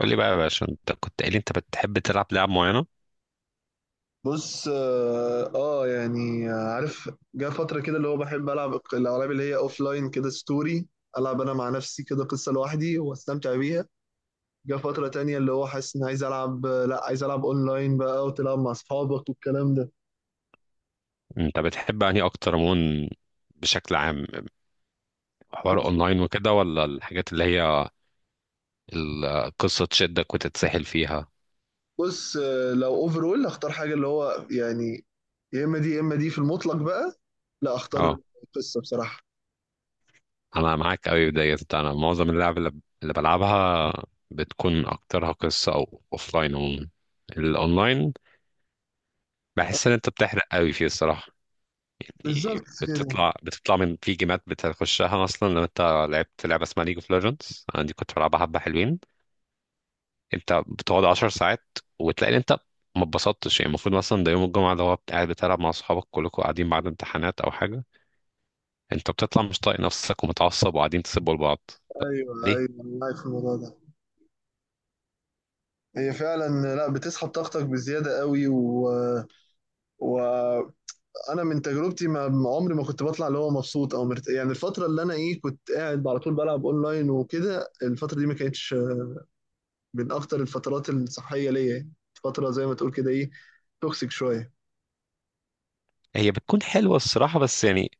قول لي بقى يا باشا، انت كنت قايل لي انت بتحب تلعب لعب معينة. بص، يعني، عارف. جه فترة كده اللي هو بحب ألعب الألعاب اللي هي أوف لاين كده، ستوري ألعب أنا مع نفسي كده قصة لوحدي وأستمتع بيها. جه فترة تانية اللي هو حاسس إن عايز ألعب، لأ، عايز ألعب أونلاين بقى وتلعب مع أصحابك والكلام ده. انت بتحب انهي اكتر عموما؟ بشكل عام، حوار بص، اونلاين وكده ولا الحاجات اللي هي القصة تشدك وتتسحل فيها؟ بص، لو أوفرول أختار حاجة اللي هو، يعني، يا إما دي يا إما دي، في المطلق بقى، لأ أختار اه، القصة بصراحة. انا معاك قوي ديت. انا معظم اللعب اللي بلعبها بتكون اكترها قصة او اوفلاين. عموما الاونلاين بحس ان انت بتحرق قوي فيه الصراحة. بالظبط يعني كده. بتطلع من في جيمات بتخشها اصلا. لو انت لعبت لعبة اسمها ليج اوف ليجندز، انا دي كنت بلعبها حبة حلوين. انت بتقعد 10 ساعات وتلاقي ان انت ما اتبسطتش. يعني المفروض مثلا ده يوم الجمعه، ده هو قاعد بتلعب مع اصحابك، كلكم قاعدين بعد امتحانات او حاجه، انت بتطلع مش طايق نفسك ومتعصب وقاعدين تسبوا لبعض. طب ايوه، ليه؟ ايوه، انا معاك في الموضوع ده. هي فعلا، لا، بتسحب طاقتك بزياده قوي، و، وانا من تجربتي، ما عمري ما كنت بطلع اللي هو مبسوط او يعني الفتره اللي انا، ايه، كنت قاعد على طول بلعب اونلاين وكده، الفتره دي ما كانتش من اكتر الفترات الصحيه ليا، يعني. فتره، زي ما تقول كده، ايه، توكسيك شويه. هي بتكون حلوه الصراحه، بس يعني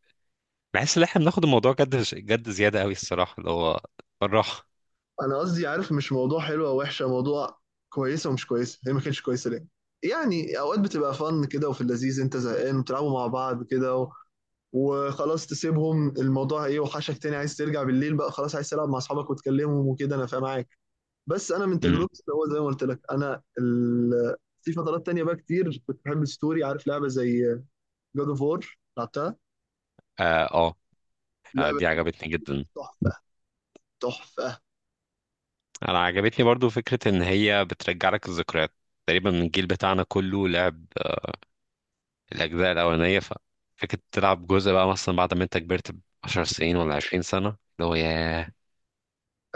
بحس ان احنا بناخد الموضوع جد جد زياده قوي الصراحه، اللي هو بالراحه. انا قصدي، عارف، مش موضوع حلو او وحشه، موضوع كويسه ومش كويسه، هي ما كانتش كويسه ليه. يعني اوقات بتبقى فن كده، وفي اللذيذ انت زهقان وتلعبوا مع بعض كده، و، وخلاص تسيبهم، الموضوع ايه، وحشك تاني عايز ترجع بالليل بقى، خلاص عايز تلعب مع اصحابك وتكلمهم وكده. انا فاهم معاك، بس انا من امم. تجربتي اللي هو زي ما قلت لك، انا ال، في فترات تانية بقى كتير كنت بحب الستوري. عارف لعبة زي جاد اوف وور؟ لعبتها. آه، اه. اه، لعبة دي عجبتني جدا. تحفة، تحفة. انا عجبتني برضو فكره ان هي بترجع لك الذكريات. تقريبا الجيل بتاعنا كله لعب الأجزاء الأولانية، ففكرة تلعب جزء بقى مثلا بعد ما أنت كبرت ب10 سنين ولا 20 سنة، اللي هو ياه.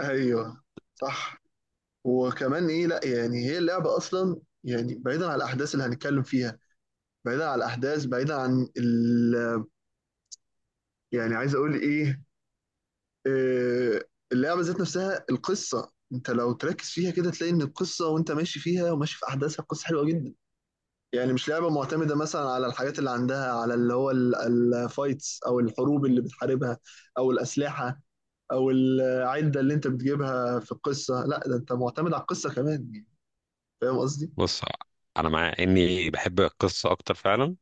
ايوه، صح. وكمان، ايه، لا يعني هي اللعبة اصلا، يعني بعيدا عن الاحداث اللي هنتكلم فيها، بعيدا عن الاحداث، بعيدا عن ال، يعني عايز اقول ايه، آه، اللعبة ذات نفسها، القصة انت لو تركز فيها كده تلاقي ان القصة، وانت ماشي فيها وماشي في احداثها، القصة حلوة جدا. يعني مش لعبة معتمدة مثلا على الحاجات اللي عندها، على اللي هو الفايتس، أو الحروب اللي بتحاربها، أو الأسلحة، أو العدة اللي أنت بتجيبها في القصة. لا، ده أنت معتمد على القصة كمان، يعني. فاهم قصدي؟ بص، أنا مع إني بحب القصة أكتر فعلا.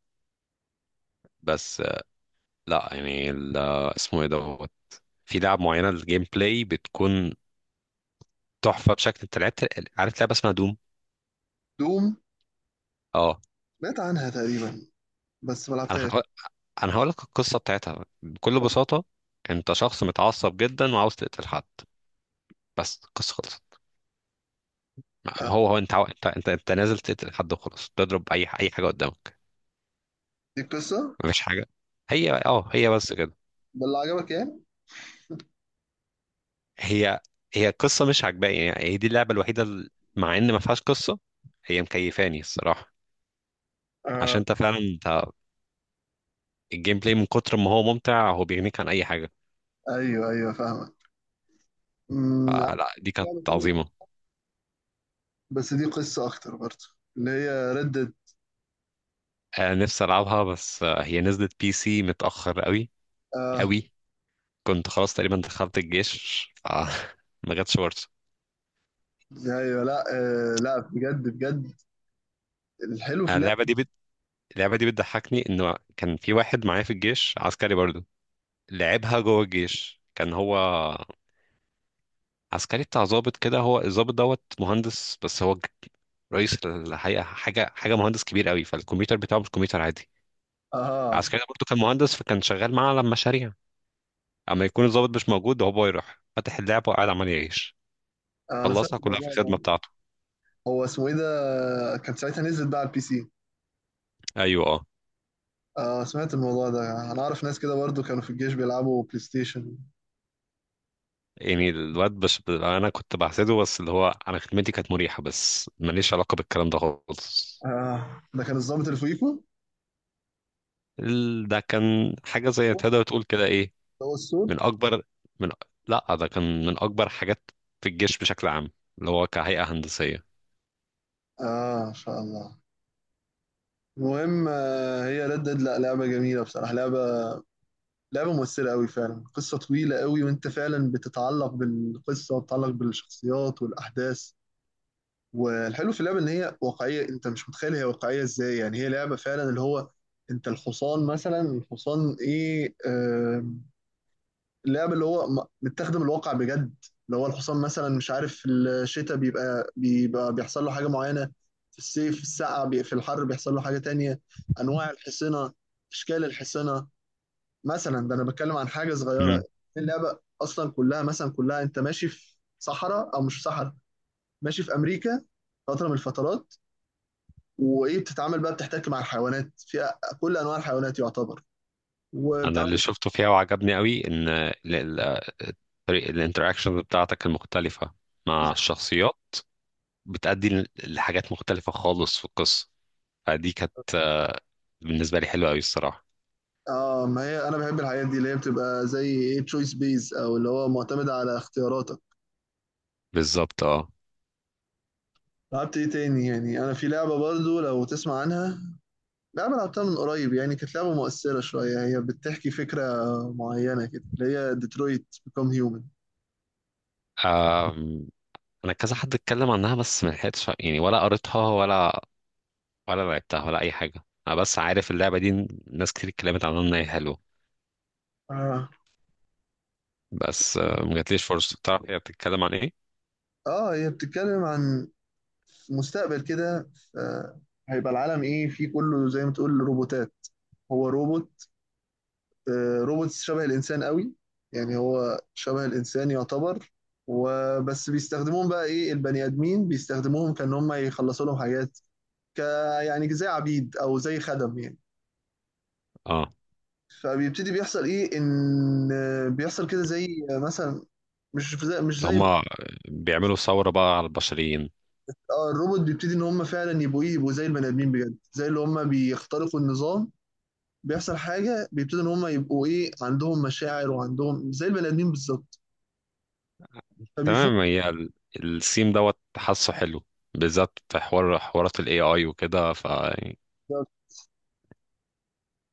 بس لأ يعني اسمه إيه دوت، في لعب معينة الجيم بلاي بتكون تحفة، بشكل أنت لعبت. عارف لعبة اسمها دوم؟ دوم؟ أه. سمعت عنها تقريبا، بس ما أنا لعبتهاش. هقول أنا هقول لك القصة بتاعتها بكل طيب. بساطة. أنت شخص متعصب جدا وعاوز تقتل حد، بس القصة خلصت. هو آه. هو أنت عاو- أنت أنت أنت نازل تقتل حد وخلاص، تضرب أي حاجة قدامك. دي القصة؟ مفيش حاجه، هي بس كده. ده اللي عجبك يعني؟ هي هي القصه مش عجباني، يعني هي دي اللعبه الوحيده مع ان ما فيهاش قصه، هي مكيفاني الصراحه. آه. عشان انت فعلا انت الجيم بلاي من كتر ما هو ممتع هو بيغنيك عن اي حاجه. أيوه، أيوه، فاهمك. عارف، فلا، دي كانت لعبة تانية عظيمه. لعبتها، بس دي قصة أكتر برضه، اللي هي ردد. نفسي العبها، بس هي نزلت بي سي متاخر قوي آه، قوي. كنت خلاص تقريبا دخلت الجيش، ف ما جاتش فرصه. أيوه، لا. آه، لا، بجد، بجد، الحلو في آه، اللعبه اللعبة. دي بت... اللعبه دي بتضحكني انه كان في واحد معايا في الجيش، عسكري برضه لعبها جوه الجيش. كان هو عسكري بتاع ضابط كده، هو الضابط دوت مهندس، بس هو رئيس الحقيقة، حاجة مهندس كبير قوي، فالكمبيوتر بتاعه مش كمبيوتر عادي. اه، العسكري ده برضه كان مهندس، فكان شغال معاه على مشاريع. اما يكون الضابط مش موجود، هو يروح فاتح اللعبة وقاعد عمال يعيش. انا سمعت خلصها كلها في الموضوع ده. الخدمة بتاعته. هو اسمه ايه ده، كان ساعتها نزلت بقى على البي سي؟ ايوه اه. آه، سمعت الموضوع ده. انا اعرف ناس كده برضو كانوا في الجيش بيلعبوا بلاي ستيشن. يعني الواد بش انا كنت بحسده، بس اللي هو انا خدمتي كانت مريحة، بس ماليش علاقة بالكلام ده خالص. آه، ده كان الضابط اللي فوقيكوا؟ ده كان حاجة زي الصوت؟ تقدر تقول كده ايه، ده هو السود. من اكبر من لا ده كان من اكبر حاجات في الجيش بشكل عام، اللي هو كهيئة هندسية. اه، ان شاء الله. المهم، هي ردد، لا، لعبة جميلة بصراحة، لعبة، لعبة مؤثرة قوي فعلا، قصة طويلة قوي، وانت فعلا بتتعلق بالقصة وبتتعلق بالشخصيات والأحداث. والحلو في اللعبه ان هي واقعيه، انت مش متخيل هي واقعيه ازاي، يعني هي لعبه فعلا، اللي هو انت الحصان مثلا، الحصان ايه، اللعبه، اللي هو متاخده من الواقع بجد، اللي هو الحصان مثلا، مش عارف، في الشتاء بيبقى بيحصل له حاجه معينه، في الصيف، في الحر بيحصل له حاجه تانية. انواع الحصنه، اشكال الحصنه. مثلا ده انا بتكلم عن حاجه صغيره. مم. اللعبه اصلا كلها، مثلا كلها انت ماشي في صحراء او مش في صحراء، ماشي في امريكا، فتره من الفترات، وايه، بتتعامل بقى بتحتك مع الحيوانات، في كل انواع الحيوانات يعتبر، انا اللي وبتعمل. شفته فيها وعجبني قوي ان طريقة الانتراكشن بتاعتك المختلفة مع الشخصيات بتأدي لحاجات مختلفة خالص في القصة. فدي كانت بالنسبة لي حلوة قوي الصراحة. اه، ما هي انا بحب الحاجات دي اللي هي بتبقى زي، ايه، تشويس بيز، او اللي هو معتمد على اختياراتك. بالظبط اه. لعبت ايه تاني يعني؟ انا في لعبه برضو لو تسمع عنها، لعبه لعبتها من قريب، يعني كانت لعبه مؤثره شويه، هي بتحكي فكره معينه كده، اللي هي ديترويت بيكوم هيومن. آم. انا كذا حد اتكلم عنها، بس ما لحقتش يعني، ولا قريتها ولا لعبتها ولا اي حاجة. انا بس عارف اللعبة دي ناس كتير اتكلمت عنها ان هي حلوة. اه، بس ما جاتليش فرصة. تعرف هي بتتكلم عن ايه؟ اه، هي بتتكلم عن مستقبل كده. آه، هيبقى العالم، ايه، فيه كله زي ما تقول روبوتات، هو روبوت، روبوتس شبه الإنسان قوي، يعني هو شبه الإنسان يعتبر. وبس بيستخدموهم بقى، إيه، البني آدمين بيستخدموهم كأن هم يخلصوا لهم حاجات، ك، يعني زي عبيد أو زي خدم، يعني. اه. فبيبتدي بيحصل، إيه، إن بيحصل كده زي، مثلا، مش زي مش اللي زي هما بيعملوا ثورة بقى على البشريين. الروبوت بيبتدي إن هم فعلا يبقوا، إيه، يبقوا زي البني آدمين بجد، زي اللي هم بيخترقوا النظام. بيحصل حاجة، بيبتدوا إن هم يبقوا، إيه، عندهم مشاعر وعندهم زي البني آدمين بالظبط، فبيفوق. تمام، هي السيم دوت حاسه حلو، بالذات في حوارات الاي اي وكده، ف يعني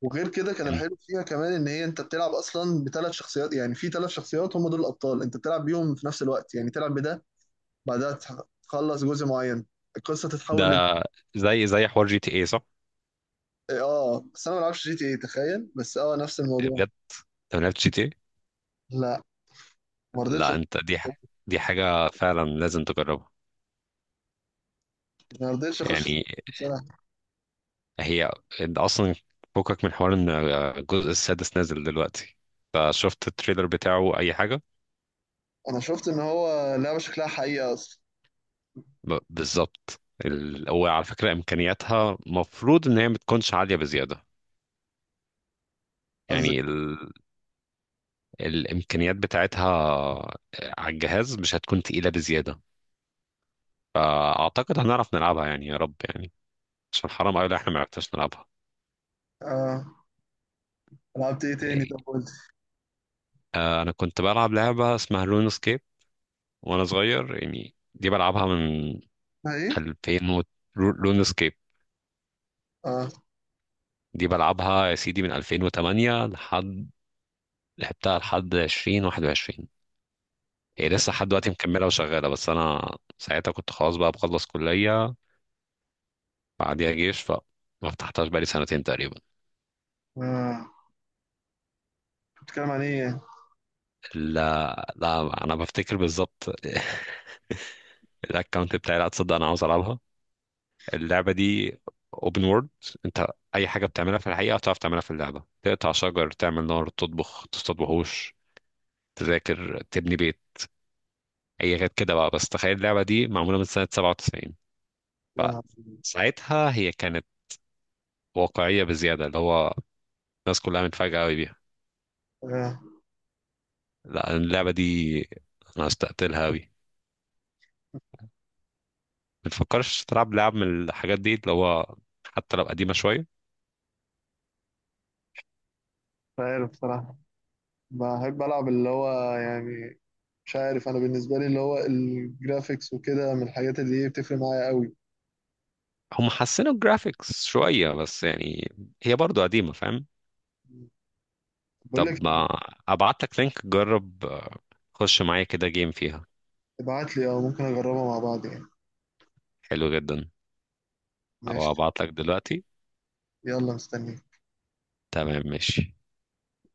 وغير كده كان إن- الحلو فيها كمان ان هي انت بتلعب اصلا بثلاث شخصيات، يعني في ثلاث شخصيات هم دول الابطال، انت بتلعب بيهم في نفس الوقت، يعني تلعب بده، بعدها تخلص جزء معين، القصه تتحول لد. ده زي حوار جي تي اي صح؟ اه، بس انا ما بلعبش جي تي اي، تخيل. بس اه، نفس الموضوع. بجد، انت ما لعبتش جي تي اي؟ لا، ما رضيتش. لا، انت دي حاجة فعلا لازم تجربها ما رضيتش اخش يعني. بصراحه. هي انت اصلا فكك من حوار ان الجزء السادس نازل دلوقتي، فشفت التريلر بتاعه اي حاجة. انا شفت ان هو لعبه شكلها حقيقه اصلا. بالظبط. هو على فكرة إمكانياتها مفروض إن هي ما تكونش عالية بزيادة. قصدك؟ يعني الإمكانيات بتاعتها على الجهاز مش هتكون تقيلة بزيادة، فأعتقد هنعرف نلعبها يعني، يا رب يعني، عشان حرام أوي لو إحنا ما عرفناش نلعبها. اه. لعبت ايه تاني؟ يعني طب قلت. أنا كنت بلعب لعبة اسمها لون سكيب وأنا صغير، يعني دي بلعبها من ايه؟ 2000 و... لون سكيب اه، دي بلعبها يا سيدي من 2008 لحد، لعبتها لحد 2021. هي لسه لحد دلوقتي مكملة وشغالة، بس أنا ساعتها كنت خلاص بقى بخلص كلية، بعديها جيش، فما فتحتهاش بقالي سنتين تقريبا. اه، بتتكلم عن ايه يعني؟ لا لا، أنا بفتكر بالظبط الأكونت بتاعي. لا تصدق، أنا عاوز ألعبها اللعبة دي. اوبن وورلد، انت اي حاجه بتعملها في الحقيقه هتعرف تعملها في اللعبه، تقطع شجر، تعمل نار، تطبخ، تصطاد وحوش، تذاكر، تبني بيت، اي حاجات كده بقى. بس تخيل اللعبه دي معموله من سنه 97، اه، فساعتها هي كانت واقعيه بزياده، اللي هو الناس كلها متفاجئه قوي. اه، لا، اللعبة دي أنا هستقتلها أوي. ما تفكرش تلعب لعب من الحاجات دي، اللي هو حتى لو قديمة شوية مش عارف بصراحه. بحب ألعب اللي هو، يعني، مش عارف، أنا بالنسبة لي اللي هو الجرافيكس وكده من الحاجات اللي هي بتفرق معايا قوي. هم حسنوا الجرافيكس شوية، بس يعني هي برضو قديمة فاهم. بقول لك طب ما إيه، أبعت لك لينك، جرب خش معايا كده جيم فيها. ابعت لي، أو ممكن أجربها مع بعض يعني. حلو جدا. أو ماشي. أبعت لك دلوقتي. يلا، مستني. تمام ماشي.